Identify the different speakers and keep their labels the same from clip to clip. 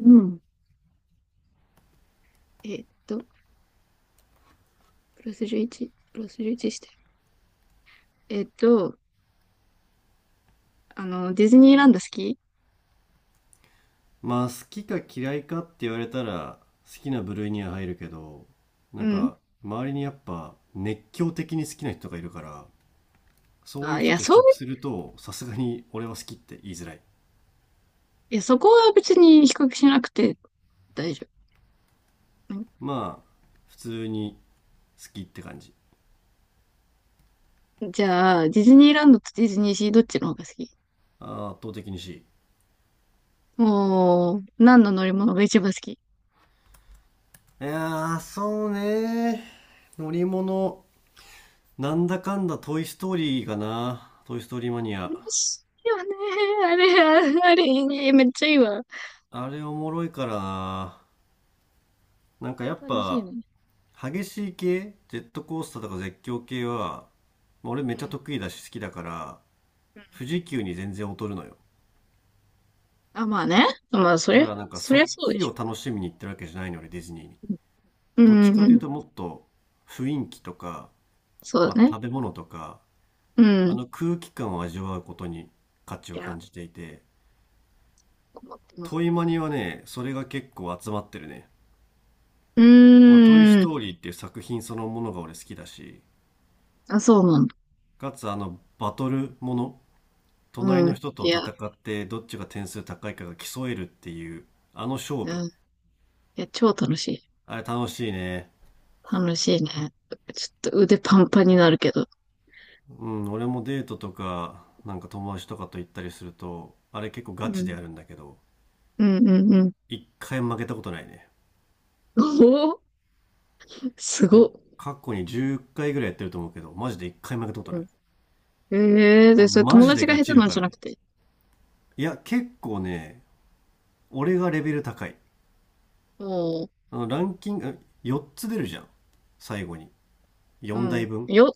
Speaker 1: うん。えっと、プラス11、プラス11して。えっと、ディズニーランド好き？
Speaker 2: まあ好きか嫌いかって言われたら、好きな部類には入るけど、な
Speaker 1: う
Speaker 2: ん
Speaker 1: ん。
Speaker 2: か周りにやっぱ熱狂的に好きな人がいるから、そういう
Speaker 1: あ、い
Speaker 2: 人
Speaker 1: や、
Speaker 2: と比
Speaker 1: そう、
Speaker 2: 較するとさすがに俺は好きって言いづらい。
Speaker 1: いや、そこは別に比較しなくて大丈夫。うん。
Speaker 2: まあ普通に好きって感じ。
Speaker 1: じゃあ、ディズニーランドとディズニーシーどっちの方が好き？
Speaker 2: あー圧倒的に C。
Speaker 1: もう、何の乗り物が一番好き？
Speaker 2: いやーそうね、乗り物、なんだかんだトイ・ストーリーかな、トイ・ストーリーマニア。
Speaker 1: 楽しいよね。あれ、ああれ、いいね、めっちゃいいわ。
Speaker 2: あれおもろいからな。なん
Speaker 1: あ
Speaker 2: か
Speaker 1: れ
Speaker 2: やっ
Speaker 1: 楽しい
Speaker 2: ぱ
Speaker 1: ね。
Speaker 2: 激しい系、ジェットコースターとか絶叫系は、まあ俺めっ
Speaker 1: う
Speaker 2: ちゃ
Speaker 1: ん。
Speaker 2: 得意だし好きだから、
Speaker 1: うん。
Speaker 2: 富士急に全然劣るのよ。
Speaker 1: あ、まあね。まあ、そ
Speaker 2: だ
Speaker 1: り
Speaker 2: か
Speaker 1: ゃ、
Speaker 2: らなんか
Speaker 1: そ
Speaker 2: そ
Speaker 1: り
Speaker 2: っ
Speaker 1: ゃそうで
Speaker 2: ち
Speaker 1: し
Speaker 2: を楽しみに行ってるわけじゃないの、俺ディズニーに。
Speaker 1: ょ。うん。
Speaker 2: どっち
Speaker 1: うん
Speaker 2: か
Speaker 1: う
Speaker 2: という
Speaker 1: ん。
Speaker 2: と、もっと雰囲気とか、
Speaker 1: そう
Speaker 2: まあ
Speaker 1: だね。
Speaker 2: 食べ物とか、
Speaker 1: うん。
Speaker 2: 空気感を味わうことに価値
Speaker 1: い
Speaker 2: を感
Speaker 1: や、
Speaker 2: じていて、
Speaker 1: 思っても。
Speaker 2: トイマニはね、それが結構集まってるね。
Speaker 1: う
Speaker 2: まあ、トイ・ス
Speaker 1: ーん。
Speaker 2: トーリーっていう作品そのものが俺好きだし、
Speaker 1: あ、そうなんだ。
Speaker 2: かつバトルもの、隣
Speaker 1: う
Speaker 2: の
Speaker 1: ん。
Speaker 2: 人と
Speaker 1: いや、
Speaker 2: 戦ってどっちが点数高いかが競えるっていう勝
Speaker 1: う
Speaker 2: 負、
Speaker 1: ん。いや、超楽しい。
Speaker 2: あれ楽しいね。
Speaker 1: 楽しいね。ちょっと腕パンパンになるけど。
Speaker 2: うん、俺もデートとかなんか友達とかと行ったりするとあれ結構
Speaker 1: う
Speaker 2: ガチ
Speaker 1: ん。
Speaker 2: でやるんだけど、
Speaker 1: うんうんうん。
Speaker 2: 一回負けたことないね。
Speaker 1: おお、すごっ。
Speaker 2: 過去に10回ぐらいやってると思うけど、マジで一回負けたことな
Speaker 1: う
Speaker 2: い。
Speaker 1: ん。ええ。で、
Speaker 2: 俺
Speaker 1: それ
Speaker 2: マ
Speaker 1: 友
Speaker 2: ジで
Speaker 1: 達が
Speaker 2: ガ
Speaker 1: 下手
Speaker 2: チる
Speaker 1: なん
Speaker 2: か
Speaker 1: じゃ
Speaker 2: ら
Speaker 1: な
Speaker 2: ね。
Speaker 1: くて。
Speaker 2: いや結構ね、俺がレベル高い。
Speaker 1: も
Speaker 2: ランキング4つ出るじゃん、最後に。
Speaker 1: う、う
Speaker 2: 4台
Speaker 1: ん。
Speaker 2: 分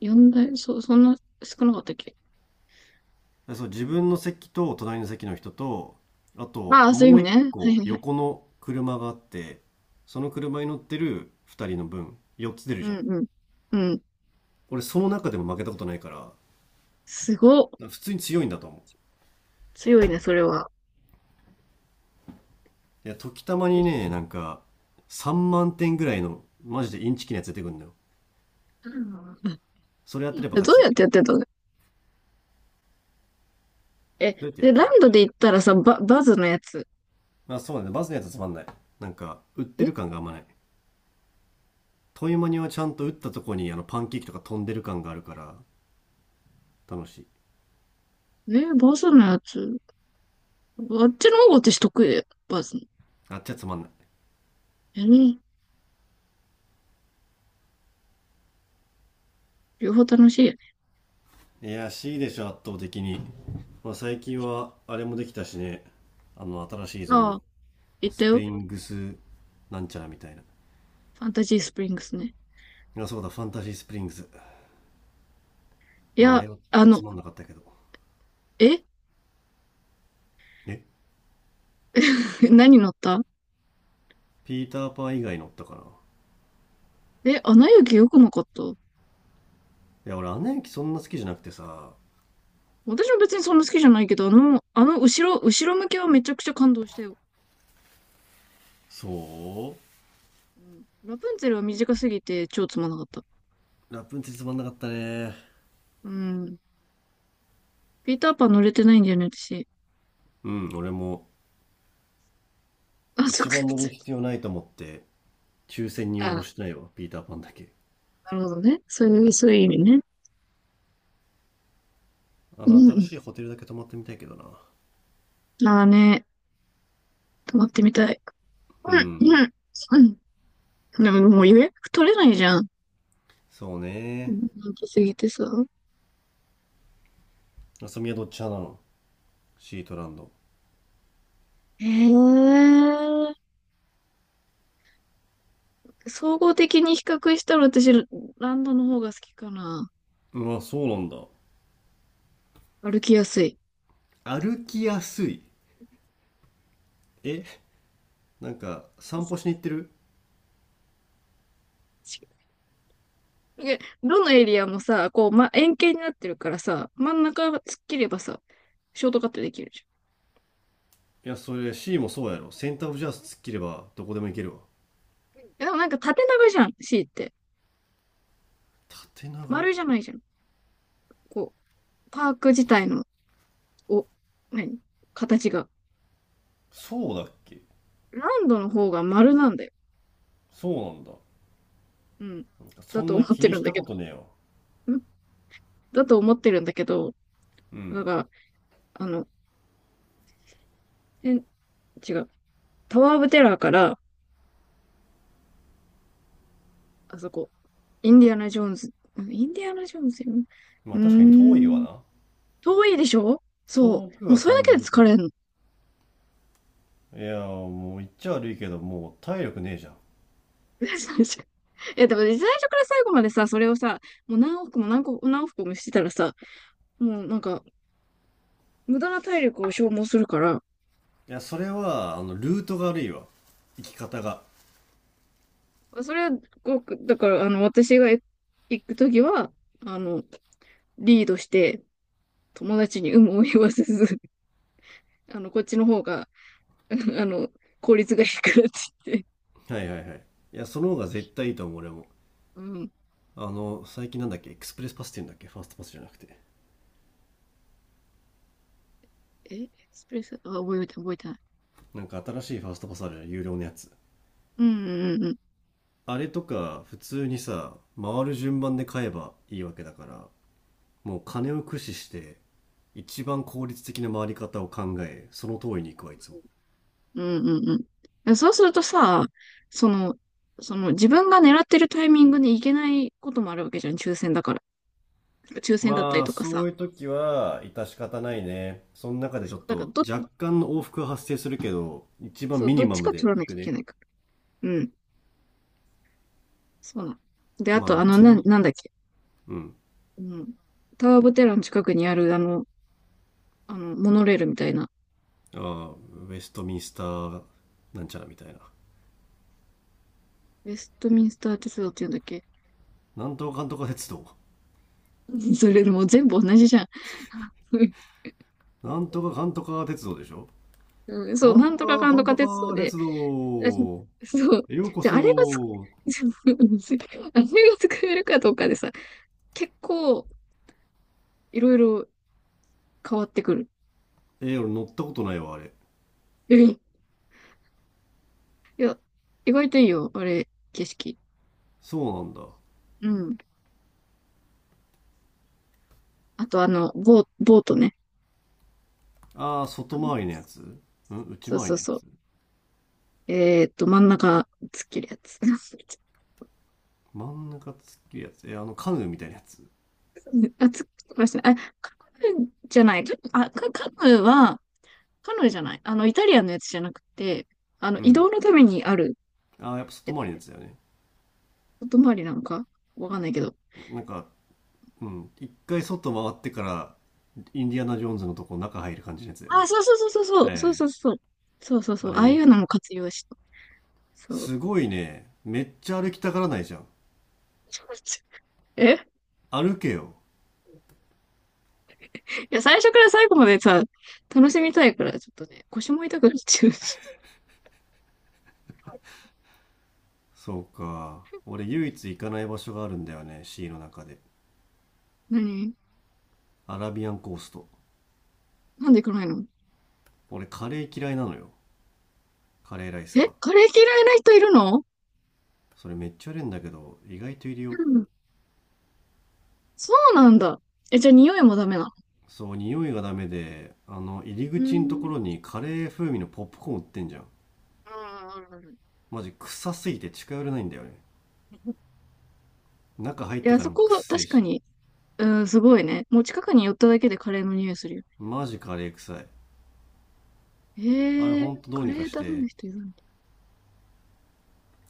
Speaker 1: 呼んだよ。そんな少なかったっけ？
Speaker 2: そう、自分の席と隣の席の人と、あと
Speaker 1: ああ、そうい
Speaker 2: も
Speaker 1: う意
Speaker 2: う
Speaker 1: 味ね。
Speaker 2: 一
Speaker 1: はい
Speaker 2: 個
Speaker 1: はいはい。
Speaker 2: 横の車があって、その車に乗ってる二人の分、4つ出る
Speaker 1: う
Speaker 2: じゃ
Speaker 1: ん
Speaker 2: ん。
Speaker 1: うん。うん。
Speaker 2: 俺その中でも負けたことないから、
Speaker 1: すごっ。
Speaker 2: 普通に強いんだと思
Speaker 1: 強いね、それは。
Speaker 2: う。いや、時たまに
Speaker 1: え、
Speaker 2: ね、3万点ぐらいのマジでインチキなやつ出てくるんだよ。
Speaker 1: うん。
Speaker 2: それやってれば
Speaker 1: ど
Speaker 2: 勝
Speaker 1: う
Speaker 2: ち。
Speaker 1: やっ
Speaker 2: ど
Speaker 1: てやってたの？え、
Speaker 2: うやってや
Speaker 1: で、
Speaker 2: って
Speaker 1: ラ
Speaker 2: る？
Speaker 1: ンドで行ったらさ、バズのやつ。
Speaker 2: まあそうだね、バズのやつはつまんない。なんか、売ってる感があんまない。トイマニはちゃんと打ったとこにパンケーキとか飛んでる感があるから、楽しい。
Speaker 1: バズのやつ。あっちの方が私得意だよ。バズの。
Speaker 2: あっちはつまんない。
Speaker 1: ね、両方楽しいよね。
Speaker 2: いや C でしょ圧倒的に。まあ、最近はあれもできたしね、新しいゾー
Speaker 1: あ
Speaker 2: ン、
Speaker 1: あ、行った
Speaker 2: スプ
Speaker 1: よ。
Speaker 2: リングスなんちゃらみたいな。い
Speaker 1: ファンタジースプリングスね。
Speaker 2: やそうだ、ファンタジースプリングス。
Speaker 1: い
Speaker 2: まああ
Speaker 1: や、
Speaker 2: れはつまんなかったけど。
Speaker 1: え
Speaker 2: え、
Speaker 1: 何乗った？
Speaker 2: ピーターパン以外乗ったかない
Speaker 1: え、アナ雪良くなかった？
Speaker 2: や俺アナ雪そんな好きじゃなくてさ。
Speaker 1: 私も別にそんな好きじゃないけど、後ろ向きはめちゃくちゃ感動したよ。
Speaker 2: そ
Speaker 1: うん。ラプンツェルは短すぎて超つまんなかった。
Speaker 2: う、ラプンツェルつまんなかったね。
Speaker 1: うん。ピーターパン乗れてないんだよね、私。
Speaker 2: うん俺も、
Speaker 1: あ、そっ
Speaker 2: 一
Speaker 1: か。
Speaker 2: 番乗る必要ないと思って抽選 に応募
Speaker 1: あ、
Speaker 2: してないわ、ピーターパンだけ。
Speaker 1: なるほどね。そういう意味ね。う
Speaker 2: 新
Speaker 1: ん。
Speaker 2: しいホテルだけ泊まってみたいけどな。
Speaker 1: ああ、ね、泊まってみたい。
Speaker 2: う
Speaker 1: うん、
Speaker 2: ん、
Speaker 1: うん。うん。でももう予約取れないじゃん。
Speaker 2: そうね。
Speaker 1: 人気すぎてさ。
Speaker 2: あさみはどっち派なの？シートランド？
Speaker 1: へえ。総合的に比較したら私、ランドの方が好きかな。
Speaker 2: まあそうなんだ。
Speaker 1: 歩きやすい。
Speaker 2: 歩きやすい？え、なんか散歩しに行ってる？
Speaker 1: しどのエリアもさ、円形になってるからさ、真ん中が突っ切ればさ、ショートカットできるじ
Speaker 2: いや、それ C もそうやろ、センターオブジャース突っ切ればどこでも行けるわ。
Speaker 1: ゃん。でもなんか縦長じゃん、C って。
Speaker 2: 縦長？
Speaker 1: 丸じゃないじゃん。こパーク自体の、お、何、形が。
Speaker 2: そうだっけ？
Speaker 1: ランドの方が丸なんだよ。
Speaker 2: そうなんだ。
Speaker 1: うん。だ
Speaker 2: そん
Speaker 1: と思
Speaker 2: な
Speaker 1: っ
Speaker 2: 気
Speaker 1: て
Speaker 2: に
Speaker 1: るん
Speaker 2: し
Speaker 1: だ
Speaker 2: た
Speaker 1: け
Speaker 2: こ
Speaker 1: ど。
Speaker 2: とねえよ。
Speaker 1: んだと思ってるんだけど、
Speaker 2: う
Speaker 1: なん
Speaker 2: ん。
Speaker 1: か、あの、え、違う。タワー・オブ・テラーから、あそこ、インディアナ・ジョーンズ、インディアナ・ジョーンズよね。
Speaker 2: ま
Speaker 1: う
Speaker 2: あ
Speaker 1: ー
Speaker 2: 確かに遠いわ
Speaker 1: ん、
Speaker 2: な。
Speaker 1: 遠いでしょ？そ
Speaker 2: 遠く
Speaker 1: う。もう
Speaker 2: は
Speaker 1: それだ
Speaker 2: 感じ
Speaker 1: けで
Speaker 2: る
Speaker 1: 疲
Speaker 2: け
Speaker 1: れん
Speaker 2: ど、
Speaker 1: の。
Speaker 2: いやもう言っちゃ悪いけど、もう体力ねえじゃん。い
Speaker 1: いや、でも最初から最後までさ、それをさ、もう何往復も何往復もしてたらさ、もうなんか、無駄な体力を消耗するから、
Speaker 2: や、それはルートが悪いわ。生き方が。
Speaker 1: それは、だから、私が行くときは、あの、リードして、友達に有無を言わせず、こっちの方が、あの、効率がいいからって言って。
Speaker 2: はいはいはい、いやその方が絶対いいと思う俺も。
Speaker 1: うん。
Speaker 2: 最近なんだっけ、エクスプレスパスっていうんだっけ、ファーストパスじゃなくて。
Speaker 1: え、エクスプレス、あ、覚えてない、覚えてない。
Speaker 2: なんか新しいファーストパスあるじゃん、有料のやつ。
Speaker 1: うんうんうん。
Speaker 2: あれとか普通にさ、回る順番で買えばいいわけだから、もう金を駆使して一番効率的な回り方を考え、その通りに行くわいつも。
Speaker 1: うんうんうん。そうするとさ、その、その自分が狙ってるタイミングに行けないこともあるわけじゃん、抽選だから。抽選だったり
Speaker 2: まあ
Speaker 1: とか
Speaker 2: そ
Speaker 1: さ。
Speaker 2: ういう時は致し方ないね。その中でちょ
Speaker 1: そう、
Speaker 2: っ
Speaker 1: だから
Speaker 2: と若干の往復は発生するけど、一番
Speaker 1: そう、
Speaker 2: ミ
Speaker 1: ど
Speaker 2: ニ
Speaker 1: っ
Speaker 2: マ
Speaker 1: ち
Speaker 2: ム
Speaker 1: か取
Speaker 2: で
Speaker 1: らな
Speaker 2: 行
Speaker 1: きゃ
Speaker 2: く
Speaker 1: いけ
Speaker 2: ね。
Speaker 1: ないから。うん。そうなの。で、あ
Speaker 2: まあ
Speaker 1: と、
Speaker 2: 別に。
Speaker 1: なんだっけ。
Speaker 2: うん。
Speaker 1: うん。タワー・オブ・テラーの近くにある、モノレールみたいな。
Speaker 2: ああ、ウェストミンスターなんちゃらみたいな、
Speaker 1: ウェストミンスター鉄道っていうんだっけ？
Speaker 2: なんとかかんとか鉄道。
Speaker 1: それもう全部同じじゃん。
Speaker 2: なんとかかんとか鉄道でしょ。
Speaker 1: うん、そう、
Speaker 2: なん
Speaker 1: な
Speaker 2: と
Speaker 1: んとか
Speaker 2: か
Speaker 1: かん
Speaker 2: か
Speaker 1: と
Speaker 2: ん
Speaker 1: か
Speaker 2: と
Speaker 1: 鉄道
Speaker 2: か
Speaker 1: で。
Speaker 2: 鉄 道。
Speaker 1: そう。
Speaker 2: ようこ
Speaker 1: で、あれがつ、
Speaker 2: そ。
Speaker 1: あれが作れるかどうかでさ、結構いろいろ変わってくる。
Speaker 2: えー、俺乗ったことないわ、あれ。
Speaker 1: うん。いや、意外といいよ、あれ、景色。
Speaker 2: そうなんだ。
Speaker 1: うん。あとボートね。
Speaker 2: あー、
Speaker 1: あ
Speaker 2: 外
Speaker 1: の、
Speaker 2: 回りのやつ？うん、内
Speaker 1: そう
Speaker 2: 回り
Speaker 1: そう
Speaker 2: のや
Speaker 1: そう。
Speaker 2: つ？
Speaker 1: 真ん中、突っ切るやつ。あ、
Speaker 2: 真ん中突っ切るやつ？えー、カヌーみたいなやつ？
Speaker 1: 突っ切りましたね。あ、カヌーじゃない。あ、カカヌーは、カヌーじゃない。イタリアンのやつじゃなくて、
Speaker 2: う
Speaker 1: 移動
Speaker 2: ん。
Speaker 1: のためにある、
Speaker 2: あー、やっぱ
Speaker 1: え
Speaker 2: 外
Speaker 1: っ
Speaker 2: 回
Speaker 1: と
Speaker 2: りの
Speaker 1: ね、
Speaker 2: やつだよね。
Speaker 1: 外回りなんかわかんないけど。
Speaker 2: なんか、うん。一回外回ってから、インディアナ・ジョーンズのとこ中入る感じのやつだよね。
Speaker 1: あ、そうそうそうそうそう、そう
Speaker 2: ええ、
Speaker 1: そうそう。そうそうそ
Speaker 2: あ
Speaker 1: う、あ
Speaker 2: れ
Speaker 1: あい
Speaker 2: ね。
Speaker 1: うのも活用した。そう。
Speaker 2: すごいね。めっちゃ歩きたがらないじゃん。
Speaker 1: え、
Speaker 2: 歩けよ。
Speaker 1: いや、最初から最後までさ、楽しみたいから、ちょっとね、腰も痛くなっちゃうし。
Speaker 2: そうか。俺唯一行かない場所があるんだよね、シーの中で。
Speaker 1: 何？
Speaker 2: アラビアンコースト。
Speaker 1: なんで行かないの？
Speaker 2: 俺カレー嫌いなのよ。カレーライス
Speaker 1: え、
Speaker 2: が。
Speaker 1: カレー嫌いな人いるの？
Speaker 2: それめっちゃあるんだけど、意外といるよ。
Speaker 1: うん。そうなんだ。え、じゃあ匂いもダメなの？
Speaker 2: そう、匂いがダメで、入り
Speaker 1: うー
Speaker 2: 口のとこ
Speaker 1: ん。
Speaker 2: ろにカレー風味のポップコーン売ってんじゃん。
Speaker 1: あん、あるある。
Speaker 2: マジ臭すぎて近寄れないんだよね。
Speaker 1: い
Speaker 2: 中入って
Speaker 1: や、
Speaker 2: から
Speaker 1: そ
Speaker 2: も
Speaker 1: こ
Speaker 2: くっ
Speaker 1: は
Speaker 2: せえ
Speaker 1: 確か
Speaker 2: し。
Speaker 1: に。うん、すごいね。もう近くに寄っただけでカレーの匂いするよ
Speaker 2: マジカレー臭い。
Speaker 1: ね。
Speaker 2: あれ
Speaker 1: ええー、
Speaker 2: ほんとど
Speaker 1: カ
Speaker 2: うに
Speaker 1: レ
Speaker 2: か
Speaker 1: ー
Speaker 2: し
Speaker 1: ダメな
Speaker 2: て。
Speaker 1: 人いるんだ。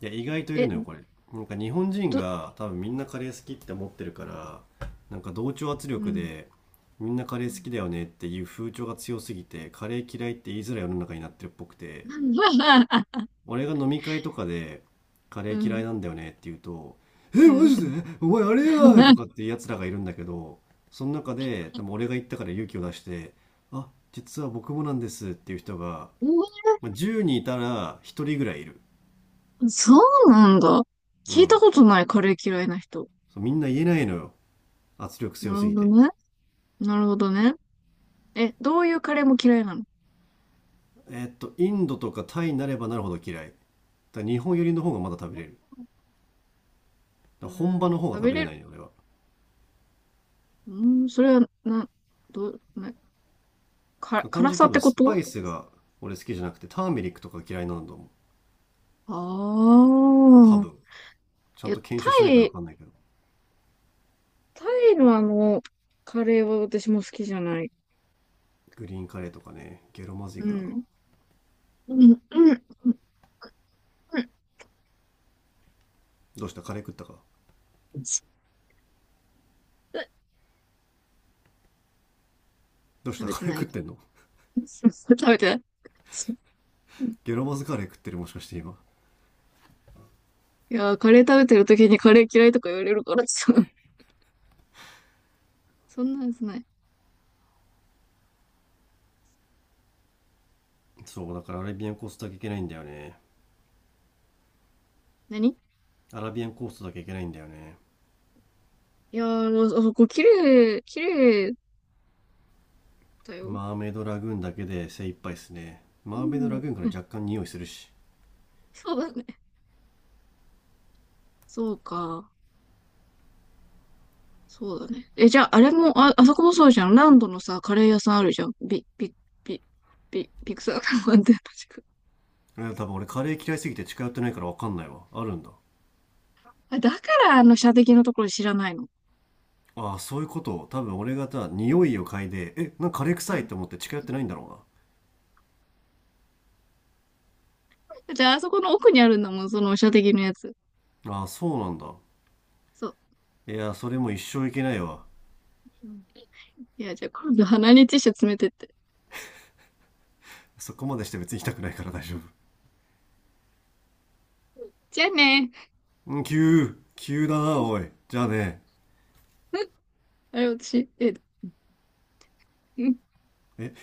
Speaker 2: いや意外といる
Speaker 1: え、
Speaker 2: のよ、これ。なんか日本人
Speaker 1: ど、
Speaker 2: が多分みんなカレー好きって思ってるから、なんか同調圧
Speaker 1: う
Speaker 2: 力
Speaker 1: ん。
Speaker 2: でみんなカレー
Speaker 1: う
Speaker 2: 好
Speaker 1: ん。
Speaker 2: きだよねっていう風潮が強すぎて、カレー嫌いって言いづらい世の中になってるっぽくて、 俺が飲み会とかでカレ
Speaker 1: う
Speaker 2: ー嫌い
Speaker 1: ん。
Speaker 2: なんだよねって言うと「え
Speaker 1: う
Speaker 2: マ
Speaker 1: ん。
Speaker 2: ジでお前あれやない!」と かっていうやつらがいるんだけど、その中で多分俺が言ったから勇気を出して「あ実は僕もなんです」っていう人が、
Speaker 1: う
Speaker 2: まあ、10人いたら1人ぐらいいる。
Speaker 1: ん。そうなんだ。
Speaker 2: う
Speaker 1: 聞いた
Speaker 2: ん。
Speaker 1: ことないカレー嫌いな人。
Speaker 2: そうみんな言えないのよ。圧力
Speaker 1: な
Speaker 2: 強
Speaker 1: る
Speaker 2: す
Speaker 1: ほ
Speaker 2: ぎ
Speaker 1: ど
Speaker 2: て。
Speaker 1: ね。なるほどね。え、どういうカレーも嫌いなの？
Speaker 2: えーっと、インドとかタイになればなるほど嫌い。だから日本寄りの方がまだ食べれる。
Speaker 1: う
Speaker 2: だから本
Speaker 1: ー
Speaker 2: 場
Speaker 1: ん、
Speaker 2: の方が
Speaker 1: 食
Speaker 2: 食
Speaker 1: べ
Speaker 2: べれ
Speaker 1: れ
Speaker 2: な
Speaker 1: る。
Speaker 2: いね、俺は。
Speaker 1: うーん、それは、な、どう、な、か、
Speaker 2: 単
Speaker 1: 辛
Speaker 2: 純に
Speaker 1: さ
Speaker 2: 多
Speaker 1: って
Speaker 2: 分
Speaker 1: こ
Speaker 2: スパ
Speaker 1: と？
Speaker 2: イスが俺好きじゃなくて、ターメリックとか嫌いなんだと思う。
Speaker 1: あ
Speaker 2: 多
Speaker 1: あー。
Speaker 2: 分。ちゃ
Speaker 1: い
Speaker 2: ん
Speaker 1: や、
Speaker 2: と検証してないから分
Speaker 1: イ、
Speaker 2: かんないけど。
Speaker 1: タイのカレーは私も好きじゃない。
Speaker 2: グリーンカレーとかね、ゲロまずい
Speaker 1: う
Speaker 2: からな。
Speaker 1: ん。うん、うん、うん、
Speaker 2: どうしたカレー食ったか？
Speaker 1: うん。
Speaker 2: どうし
Speaker 1: 食
Speaker 2: た
Speaker 1: べて
Speaker 2: カレ
Speaker 1: な
Speaker 2: ー
Speaker 1: い
Speaker 2: 食っ
Speaker 1: け
Speaker 2: て
Speaker 1: ど。
Speaker 2: んの？
Speaker 1: 食べてない。そう。
Speaker 2: ゲロまずカレー食ってるもしかして今。
Speaker 1: いやー、カレー食べてる時にカレー嫌いとか言われるからさ。そんなんですない。
Speaker 2: そう、だからアラビアンコーストだけいけないんだよね。
Speaker 1: 何？
Speaker 2: アラビアンコーストだけいけないんだよね。
Speaker 1: いやー、もうあそこ綺麗、綺麗だよ。
Speaker 2: マーメイドラグーンだけで精一杯っすね。
Speaker 1: う
Speaker 2: マーメイドラグーンから
Speaker 1: ん。
Speaker 2: 若干匂いするし。
Speaker 1: そうだね。そうか。そうだね。え、じゃあ、あれも、あ、あそこもそうじゃん。ランドのさ、カレー屋さんあるじゃん。ビ、ビクサーカンって
Speaker 2: いや多分俺カレー嫌いすぎて近寄ってないから分かんないわ、あるんだ。
Speaker 1: あ、だからあの射的のところ知らないの？
Speaker 2: ああそういうこと。多分俺がさ匂いを嗅いでえなんかカレー
Speaker 1: う
Speaker 2: 臭いっ
Speaker 1: ん。
Speaker 2: て思って近寄ってないんだろ
Speaker 1: だってあそこの奥にあるんだもん、その射的のやつ。
Speaker 2: うな。ああそうなんだ。
Speaker 1: そう。
Speaker 2: いやそれも一生いけないわ。
Speaker 1: うん。いや、じゃあ今度鼻にティッシュ詰めてって。
Speaker 2: そこまでして別に行きたくないから大丈夫。
Speaker 1: じゃあね。
Speaker 2: うん、急急だなおい。じゃあね。
Speaker 1: あれ、私、え、うん。
Speaker 2: え？